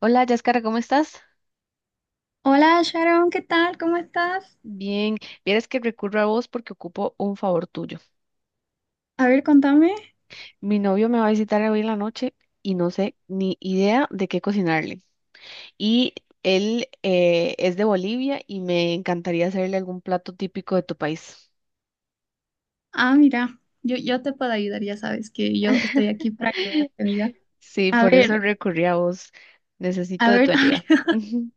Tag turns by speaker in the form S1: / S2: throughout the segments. S1: Hola, Yáscara, ¿cómo estás?
S2: Hola Sharon, ¿qué tal? ¿Cómo estás?
S1: Bien, vieras que recurro a vos porque ocupo un favor tuyo.
S2: A ver, contame.
S1: Mi novio me va a visitar hoy en la noche y no sé ni idea de qué cocinarle. Y él es de Bolivia y me encantaría hacerle algún plato típico de tu país.
S2: Ah, mira, yo te puedo ayudar, ya sabes que yo estoy aquí para ayudarte, amiga.
S1: Sí,
S2: A
S1: por
S2: ver,
S1: eso recurrí a vos. Necesito
S2: a
S1: de tu
S2: ver, a
S1: ayuda.
S2: ver,
S1: Ujú,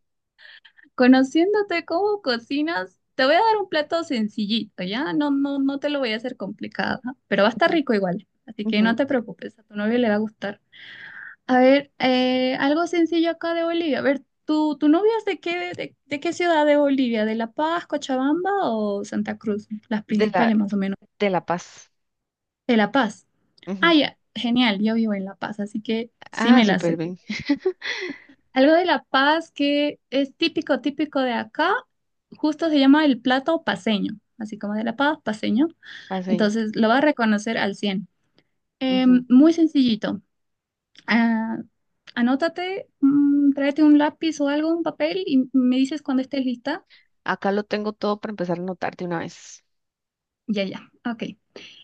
S2: conociéndote cómo cocinas, te voy a dar un plato sencillito, ¿ya? No, no, no te lo voy a hacer complicado, ¿ah? Pero va a estar
S1: ujú,
S2: rico igual, así que
S1: ujú.
S2: no te preocupes, a tu novio le va a gustar. A ver, algo sencillo acá de Bolivia. A ver, ¿tu novia es de qué, de qué ciudad de Bolivia? ¿De La Paz, Cochabamba o Santa Cruz? Las
S1: De la,
S2: principales más o menos.
S1: de La Paz.
S2: De La Paz. Ah,
S1: Ujú.
S2: ya, genial, yo vivo en La Paz, así que sí
S1: Ah,
S2: me la
S1: súper
S2: sé.
S1: bien.
S2: Algo de La Paz que es típico, típico de acá, justo se llama el plato paceño, así como de La Paz, paceño.
S1: Paseño.
S2: Entonces lo vas a reconocer al cien.
S1: Ujú.
S2: Muy sencillito. Ah, anótate, tráete un lápiz o algo, un papel y me dices cuando estés lista.
S1: Acá lo tengo todo para empezar a anotar de una vez.
S2: Ya, ya, ok.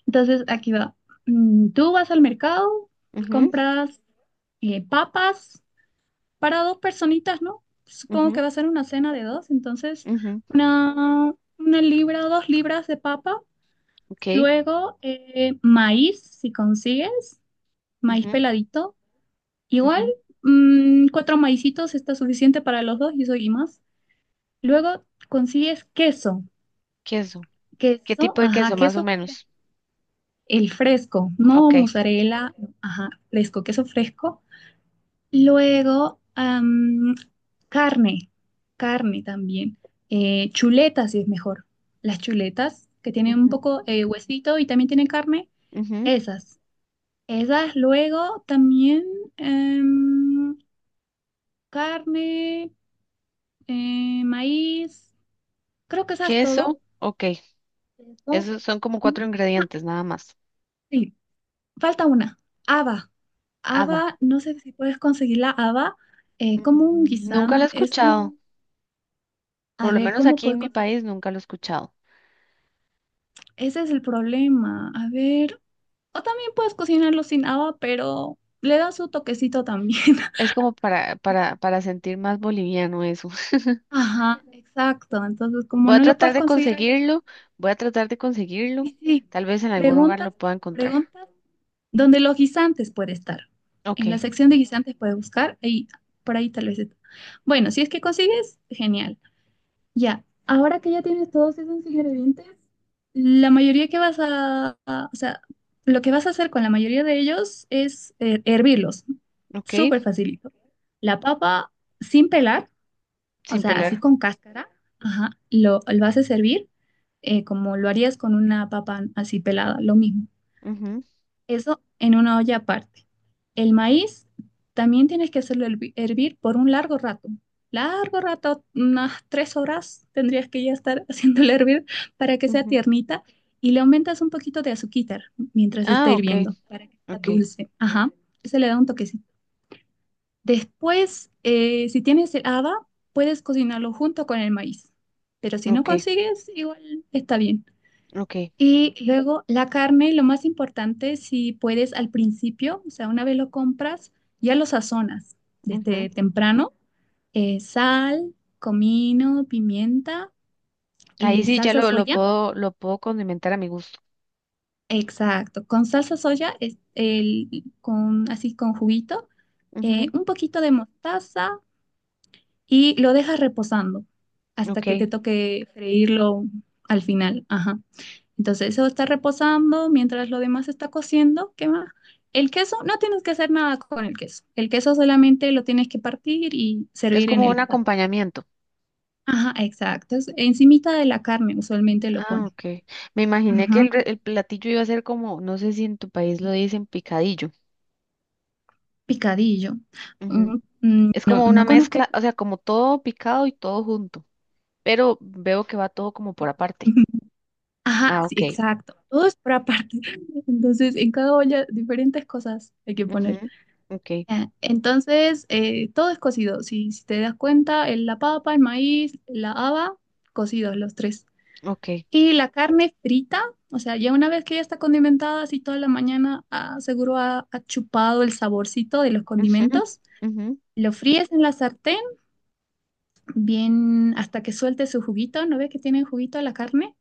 S2: Entonces aquí va. Tú vas al mercado, compras papas. Para dos personitas, ¿no? Supongo
S1: Ujú,
S2: que va a ser una cena de dos, entonces
S1: ujú,
S2: una, una libra, dos libras de papa,
S1: ok,
S2: luego maíz, si consigues, maíz
S1: ujú,
S2: peladito, igual
S1: ujú.
S2: cuatro maicitos está suficiente para los dos y eso y más. Luego consigues queso.
S1: Queso. ¿Qué
S2: Queso,
S1: tipo de
S2: ajá,
S1: queso, más o
S2: queso,
S1: menos?
S2: el fresco, no
S1: Ok.
S2: mozzarella, ajá, fresco, queso fresco. Luego, carne, carne también. Chuletas, si es mejor. Las chuletas que tienen un
S1: Ujú,
S2: poco huesito y también tienen carne,
S1: ujú.
S2: esas. Esas luego también em, carne, maíz, creo que esas todo.
S1: Queso, ok.
S2: Eso.
S1: Esos son como
S2: Ujú.
S1: cuatro
S2: Ah,
S1: ingredientes, nada más.
S2: sí, falta una, haba.
S1: Haba.
S2: Haba, no sé si puedes conseguir la haba, como un
S1: Mm, nunca lo he
S2: guisán,
S1: escuchado. Por
S2: a
S1: lo
S2: ver,
S1: menos
S2: ¿cómo
S1: aquí en
S2: puedes
S1: mi país
S2: conseguir?
S1: nunca lo he escuchado.
S2: Ese es el problema. A ver, o también puedes cocinarlo sin agua, pero le da su toquecito también.
S1: Es como para sentir más boliviano eso.
S2: Ajá, exacto. Entonces, como
S1: Voy a
S2: no lo
S1: tratar
S2: puedes
S1: de
S2: conseguir allá,
S1: conseguirlo. Voy a tratar de conseguirlo.
S2: sí, sí.
S1: Tal vez en algún lugar
S2: Preguntas,
S1: lo pueda encontrar.
S2: preguntas, donde los guisantes puede estar. En la
S1: Ok,
S2: sección de guisantes puedes buscar ahí, por ahí tal vez está. Bueno, si es que consigues, genial. Ya, ahora que ya tienes todos esos ingredientes, la mayoría que o sea, lo que vas a hacer con la mayoría de ellos es hervirlos, ¿no? Súper
S1: ok.
S2: facilito. La papa sin pelar, o
S1: Sin
S2: sea, así
S1: pelar.
S2: con cáscara, ajá, lo vas a servir como lo harías con una papa así pelada, lo mismo. Eso en una olla aparte. El maíz también tienes que hacerlo hervir por un largo rato. Largo rato, unas tres horas tendrías que ya estar haciéndolo hervir para que
S1: Ujú,
S2: sea
S1: ujú.
S2: tiernita, y le aumentas un poquito de azúcar mientras está
S1: Ah, ok,
S2: hirviendo para que sea
S1: ok.
S2: dulce. Ajá, se le da un toquecito. Después, si tienes el haba, puedes cocinarlo junto con el maíz, pero si no
S1: Ok,
S2: consigues, igual está bien.
S1: ok.
S2: Y luego la carne, lo más importante, si puedes al principio, o sea, una vez lo compras, ya lo sazonas
S1: Ujú.
S2: desde temprano. Sal, comino, pimienta
S1: Ahí
S2: y
S1: sí ya
S2: salsa
S1: lo
S2: soya.
S1: puedo, lo puedo condimentar a mi gusto.
S2: Exacto, con salsa soya, así con juguito,
S1: Ujú,
S2: un poquito de mostaza, y lo dejas reposando hasta
S1: ok.
S2: que te toque freírlo al final. Ajá. Entonces eso está reposando mientras lo demás está cociendo. ¿Qué más? El queso, no tienes que hacer nada con el queso. El queso solamente lo tienes que partir y
S1: Es
S2: servir en
S1: como
S2: el
S1: un
S2: plato.
S1: acompañamiento.
S2: Ajá, exacto. Es encimita de la carne usualmente lo
S1: Ah,
S2: ponen.
S1: ok. Me imaginé que
S2: Ajá,
S1: el, re- el platillo iba a ser como, no sé si en tu país lo dicen picadillo.
S2: picadillo.
S1: Ujú.
S2: Mm,
S1: Es
S2: no,
S1: como una
S2: no conozco.
S1: mezcla, o sea, como todo picado y todo junto, pero veo que va todo como por aparte.
S2: Ajá,
S1: Ah,
S2: sí,
S1: ok.
S2: exacto. Todo es por aparte. Entonces, en cada olla diferentes cosas hay que poner.
S1: Ujú, ok,
S2: Ya, entonces, todo es cocido. Si te das cuenta, la papa, el maíz, la haba, cocidos los tres.
S1: ok.
S2: Y la carne frita, o sea, ya una vez que ya está condimentada, así toda la mañana, ah, seguro ha chupado el saborcito de los
S1: Ujú,
S2: condimentos.
S1: ujú,
S2: Lo fríes en la sartén, bien hasta que suelte su juguito. ¿No ves que tiene juguito la carne?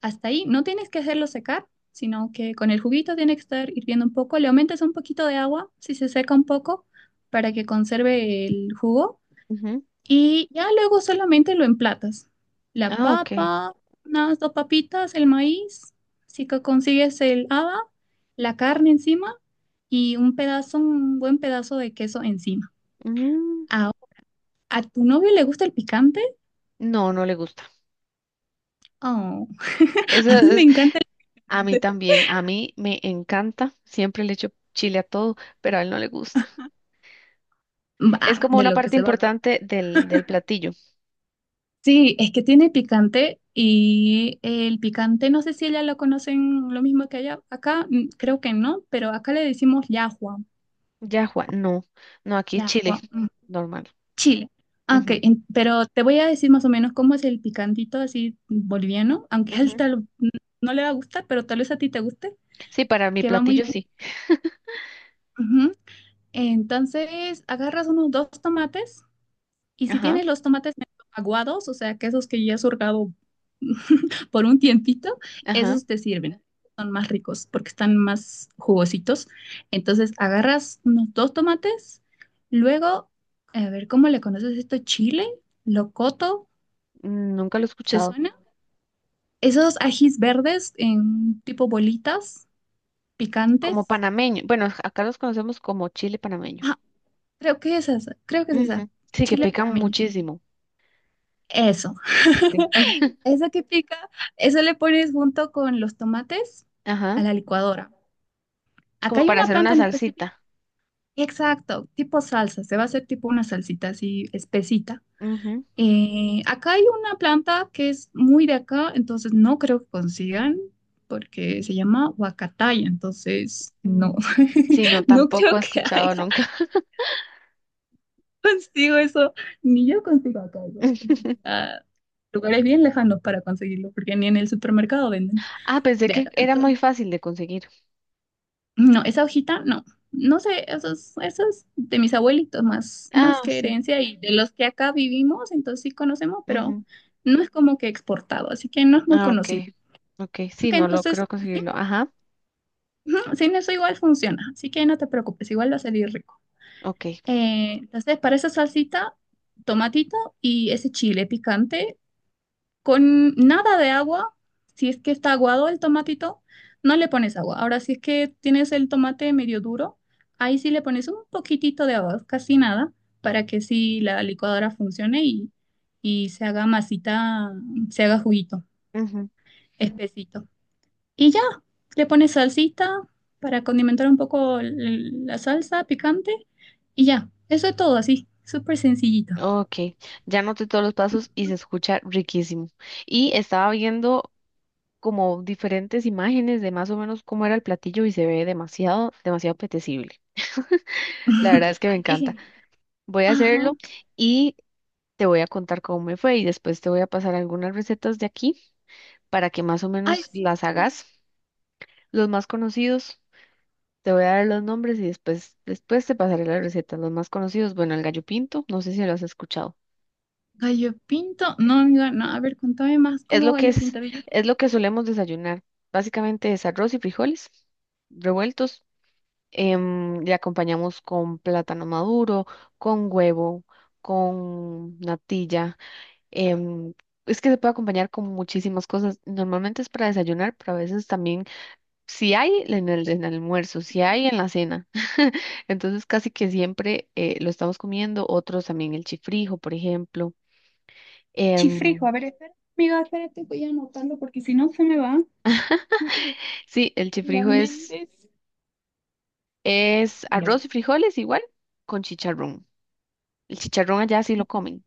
S2: Hasta ahí no tienes que hacerlo secar, sino que con el juguito tiene que estar hirviendo un poco. Le aumentas un poquito de agua si se seca un poco, para que conserve el jugo.
S1: ujú.
S2: Y ya luego solamente lo emplatas. La
S1: Ah, ok.
S2: papa, unas dos papitas, el maíz, si consigues el haba, la carne encima y un buen pedazo de queso encima.
S1: Mm,
S2: Ahora, ¿a tu novio le gusta el picante?
S1: no, no le gusta.
S2: Oh,
S1: Eso
S2: a mí me encanta el
S1: a mí
S2: picante.
S1: también, a mí me encanta, siempre le echo chile a todo, pero a él no le gusta. Es
S2: Bah,
S1: como
S2: de
S1: una
S2: lo que
S1: parte
S2: se va.
S1: importante del, del platillo.
S2: Sí, es que tiene picante y el picante, no sé si ella lo conocen lo mismo que allá. Acá creo que no, pero acá le decimos yahua,
S1: Ya, Juan, no, no, aquí es chile,
S2: yahua,
S1: normal.
S2: chile. Ah, ok,
S1: Ujú,
S2: pero te voy a decir más o menos cómo es el picantito así boliviano, aunque a él
S1: ujú.
S2: tal, no le va a gustar, pero tal vez a ti te guste,
S1: Sí, para mi
S2: que va muy
S1: platillo
S2: bien.
S1: sí.
S2: Ujú. Entonces, agarras unos dos tomates. Y si
S1: Ajá,
S2: tienes los tomates medio aguados, o sea, que esos que ya has hurgado por un tiempito,
S1: ajá,
S2: esos te sirven. Son más ricos porque están más jugositos. Entonces agarras unos dos tomates, luego, a ver, ¿cómo le conoces esto? Chile, locoto,
S1: nunca lo he
S2: ¿te
S1: escuchado.
S2: suena? Esos ajís verdes en tipo bolitas,
S1: Como
S2: picantes.
S1: panameño, bueno, acá los conocemos como chile panameño.
S2: Ah, creo que es esa, creo que es esa.
S1: Ujú, sí, que
S2: Chile
S1: pican
S2: panameño.
S1: muchísimo.
S2: Eso.
S1: Sí.
S2: Esa que pica, eso le pones junto con los tomates
S1: Ajá,
S2: a la licuadora. Acá
S1: como
S2: hay
S1: para
S2: una
S1: hacer una
S2: planta en específico.
S1: salsita.
S2: Exacto, tipo salsa, se va a hacer tipo una salsita así espesita.
S1: Ujú,
S2: Acá hay una planta que es muy de acá, entonces no creo que consigan porque se llama huacataya, entonces
S1: mm,
S2: no,
S1: sí, no,
S2: no
S1: tampoco
S2: creo
S1: he
S2: que
S1: escuchado
S2: haya
S1: nunca.
S2: consigo eso, ni yo consigo acá eso. Tengo que ir a lugares bien lejanos para conseguirlo, porque ni en el supermercado venden.
S1: Ah, pensé que
S2: Verdad,
S1: era muy fácil de conseguir.
S2: no, esa hojita, no. No sé, eso es de mis abuelitos, más
S1: Ah,
S2: que
S1: sí.
S2: herencia, y de los que acá vivimos, entonces sí conocemos, pero
S1: Ujú.
S2: no es como que exportado, así que no es muy
S1: Ah, ok.
S2: conocido.
S1: Ok, sí,
S2: Ok,
S1: no
S2: entonces,
S1: logró
S2: sin,
S1: conseguirlo. Ajá,
S2: ujú, sin eso igual funciona, así que no te preocupes, igual va a salir rico.
S1: ok.
S2: Entonces, para esa salsita, tomatito y ese chile picante, con nada de agua. Si es que está aguado el tomatito, no le pones agua. Ahora, si es que tienes el tomate medio duro, ahí sí le pones un poquitito de agua, casi nada, para que sí la licuadora funcione, y se haga masita, se haga juguito,
S1: Ujú.
S2: espesito. Y ya, le pones salsita para condimentar un poco la salsa picante y ya, eso es todo así, súper sencillito.
S1: Ok, ya noté todos los pasos y se escucha riquísimo. Y estaba viendo como diferentes imágenes de más o menos cómo era el platillo y se ve demasiado, demasiado apetecible. La verdad es que me
S2: Ay, qué
S1: encanta.
S2: genial.
S1: Voy a hacerlo
S2: Ajá.
S1: y te voy a contar cómo me fue y después te voy a pasar algunas recetas de aquí para que más o
S2: Ay,
S1: menos
S2: sí.
S1: las hagas, los más conocidos. Te voy a dar los nombres y después, después te pasaré las recetas, los más conocidos. Bueno, el gallo pinto, no sé si lo has escuchado.
S2: Gallo pinto. No, amiga, no. A ver, contame más
S1: Es
S2: cómo
S1: lo que mm,
S2: gallo pinto. A ver,
S1: es lo que solemos desayunar. Básicamente es arroz y frijoles revueltos. Em, le acompañamos con plátano maduro, con huevo, con natilla. Em, es que se puede acompañar con muchísimas cosas. Normalmente es para desayunar, pero a veces también si hay en el almuerzo, si hay en la cena. Entonces casi que siempre lo estamos comiendo. Otros también el chifrijo, por ejemplo. Em,
S2: chifrijo, a ver, espera. Amiga, espérate, voy a anotarlo porque si no se me va.
S1: sí, el
S2: La
S1: chifrijo
S2: Méndez.
S1: es arroz y frijoles igual con chicharrón. El chicharrón allá sí lo comen.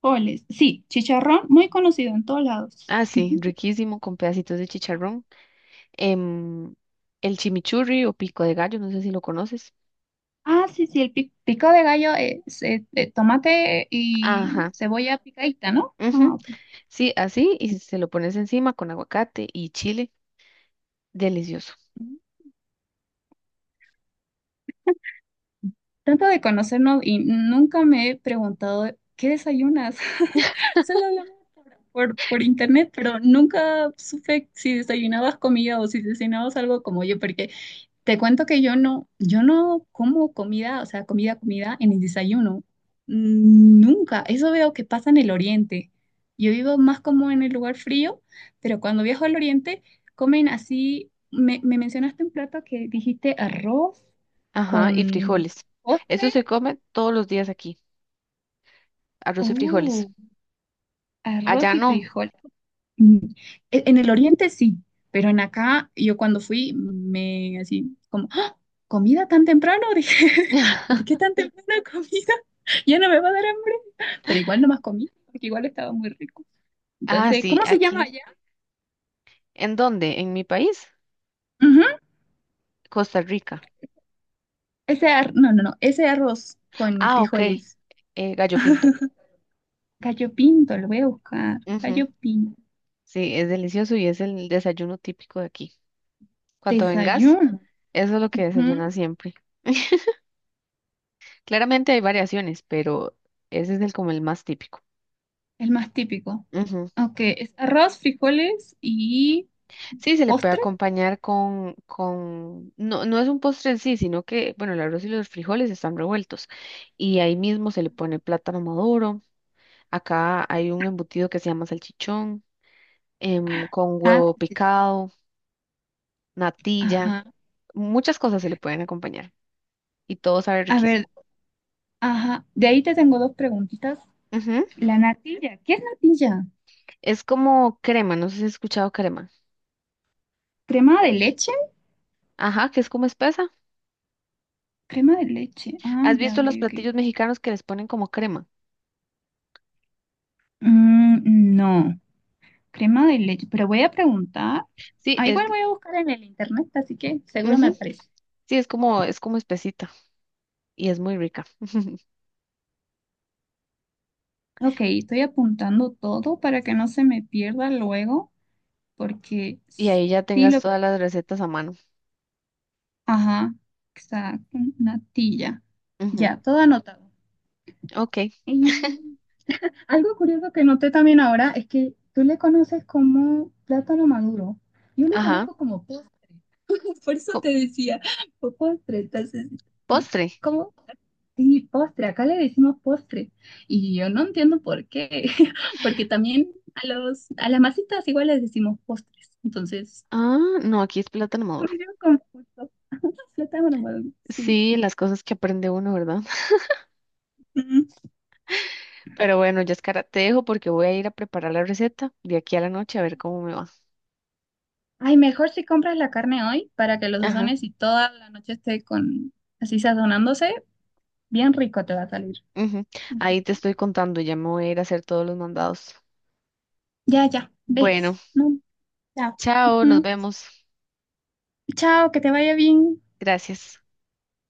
S2: Frijoles. Sí, chicharrón, muy conocido en todos lados.
S1: Ah, sí, riquísimo con pedacitos de chicharrón. Em, el chimichurri o pico de gallo, no sé si lo conoces.
S2: Ah, sí, sí, pico de gallo es tomate y
S1: Ajá.
S2: cebolla picadita, ¿no?
S1: Ujú,
S2: Ah, ok.
S1: sí, así y se lo pones encima con aguacate y chile. Delicioso.
S2: Tanto de conocernos y nunca me he preguntado qué desayunas. Solo hablamos por internet, pero nunca supe si desayunabas comida o si desayunabas algo como yo, porque te cuento que yo no como comida, o sea, comida, comida en el desayuno. Nunca. Eso veo que pasa en el oriente. Yo vivo más como en el lugar frío, pero cuando viajo al oriente comen así. Me mencionaste un plato que dijiste arroz
S1: Ajá, y
S2: con
S1: frijoles. Eso
S2: postre.
S1: se come todos los días aquí, arroz y frijoles.
S2: Oh,
S1: Allá
S2: arroz y
S1: no.
S2: frijol. Mm, En el oriente sí, pero en acá yo cuando fui me así como, "¡Ah! ¿Comida tan temprano?" Dije, ¿por qué tan temprano comida? Ya no me va a dar hambre. Pero igual no más comí, porque igual estaba muy rico.
S1: Ah,
S2: Entonces,
S1: sí,
S2: ¿cómo se llama
S1: aquí.
S2: allá?
S1: ¿En dónde? ¿En mi país?
S2: Ujú.
S1: Costa Rica.
S2: Ese no, no, no, ese arroz con
S1: Ah, ok.
S2: frijoles.
S1: Gallo pinto.
S2: Gallo pinto, lo voy a buscar.
S1: Ujú.
S2: Gallo pinto.
S1: Sí, es delicioso y es el desayuno típico de aquí. Cuando vengas,
S2: Desayuno.
S1: eso es lo que
S2: Ujú.
S1: desayunas siempre. Claramente hay variaciones, pero ese es el como el más típico.
S2: El más típico.
S1: Ujú.
S2: Ok, es arroz, frijoles y
S1: Sí, se le puede
S2: postre.
S1: acompañar con, no, no es un postre en sí, sino que, bueno, el arroz y los frijoles están revueltos y ahí mismo se le pone plátano maduro. Acá hay un embutido que se llama salchichón, em, con
S2: Ah,
S1: huevo
S2: salchichón.
S1: picado, natilla,
S2: Ajá.
S1: muchas cosas se le pueden acompañar y todo sabe
S2: A ver,
S1: riquísimo.
S2: ajá. De ahí te tengo dos preguntitas.
S1: Ujú.
S2: La natilla. ¿Qué es natilla?
S1: Es como crema, no sé si has escuchado crema.
S2: ¿Crema de leche?
S1: Ajá, que es como espesa.
S2: Crema de leche. Ah,
S1: ¿Has
S2: ya,
S1: visto
S2: ok,
S1: los
S2: ok.
S1: platillos mexicanos que les ponen como crema?
S2: No, crema de leche. Pero voy a preguntar.
S1: Sí,
S2: Ah,
S1: es,
S2: igual voy a buscar en el internet, así que seguro me
S1: ujú,
S2: aparece.
S1: sí, es como espesita y es muy rica.
S2: Ok, estoy apuntando todo para que no se me pierda luego, porque
S1: Y ahí ya
S2: sí
S1: tengas
S2: lo...
S1: todas las recetas a mano.
S2: Ajá, exacto, natilla.
S1: Ujú,
S2: Ya, todo anotado.
S1: ok,
S2: Y algo curioso que noté también ahora es que tú le conoces como plátano maduro. Yo le
S1: ajá.
S2: conozco como postre. Por eso
S1: Co-
S2: te decía, postre. Entonces, y-
S1: postre.
S2: ¿cómo? Sí, postre. Acá le decimos postre. Y yo no entiendo por qué. Porque también a los, a las masitas igual les decimos postres. Entonces,
S1: Ah, no, aquí es plátano maduro.
S2: me dio confuso. Plátano maduro, sí.
S1: Sí, las cosas que aprende uno, ¿verdad?
S2: Mm.
S1: Pero bueno, Yaskara, te dejo porque voy a ir a preparar la receta de aquí a la noche a ver cómo me va.
S2: Ay, mejor si compras la carne hoy para que los
S1: Ajá.
S2: sazones y toda la noche esté con así sazonándose. Bien rico te va a salir.
S1: Ujú.
S2: Ujú.
S1: Ahí te estoy contando, ya me voy a ir a hacer todos los mandados.
S2: Ya, ya, ves.
S1: Bueno,
S2: No. Ya.
S1: chao, nos
S2: Ujú.
S1: vemos.
S2: Chao, que te vaya bien.
S1: Gracias.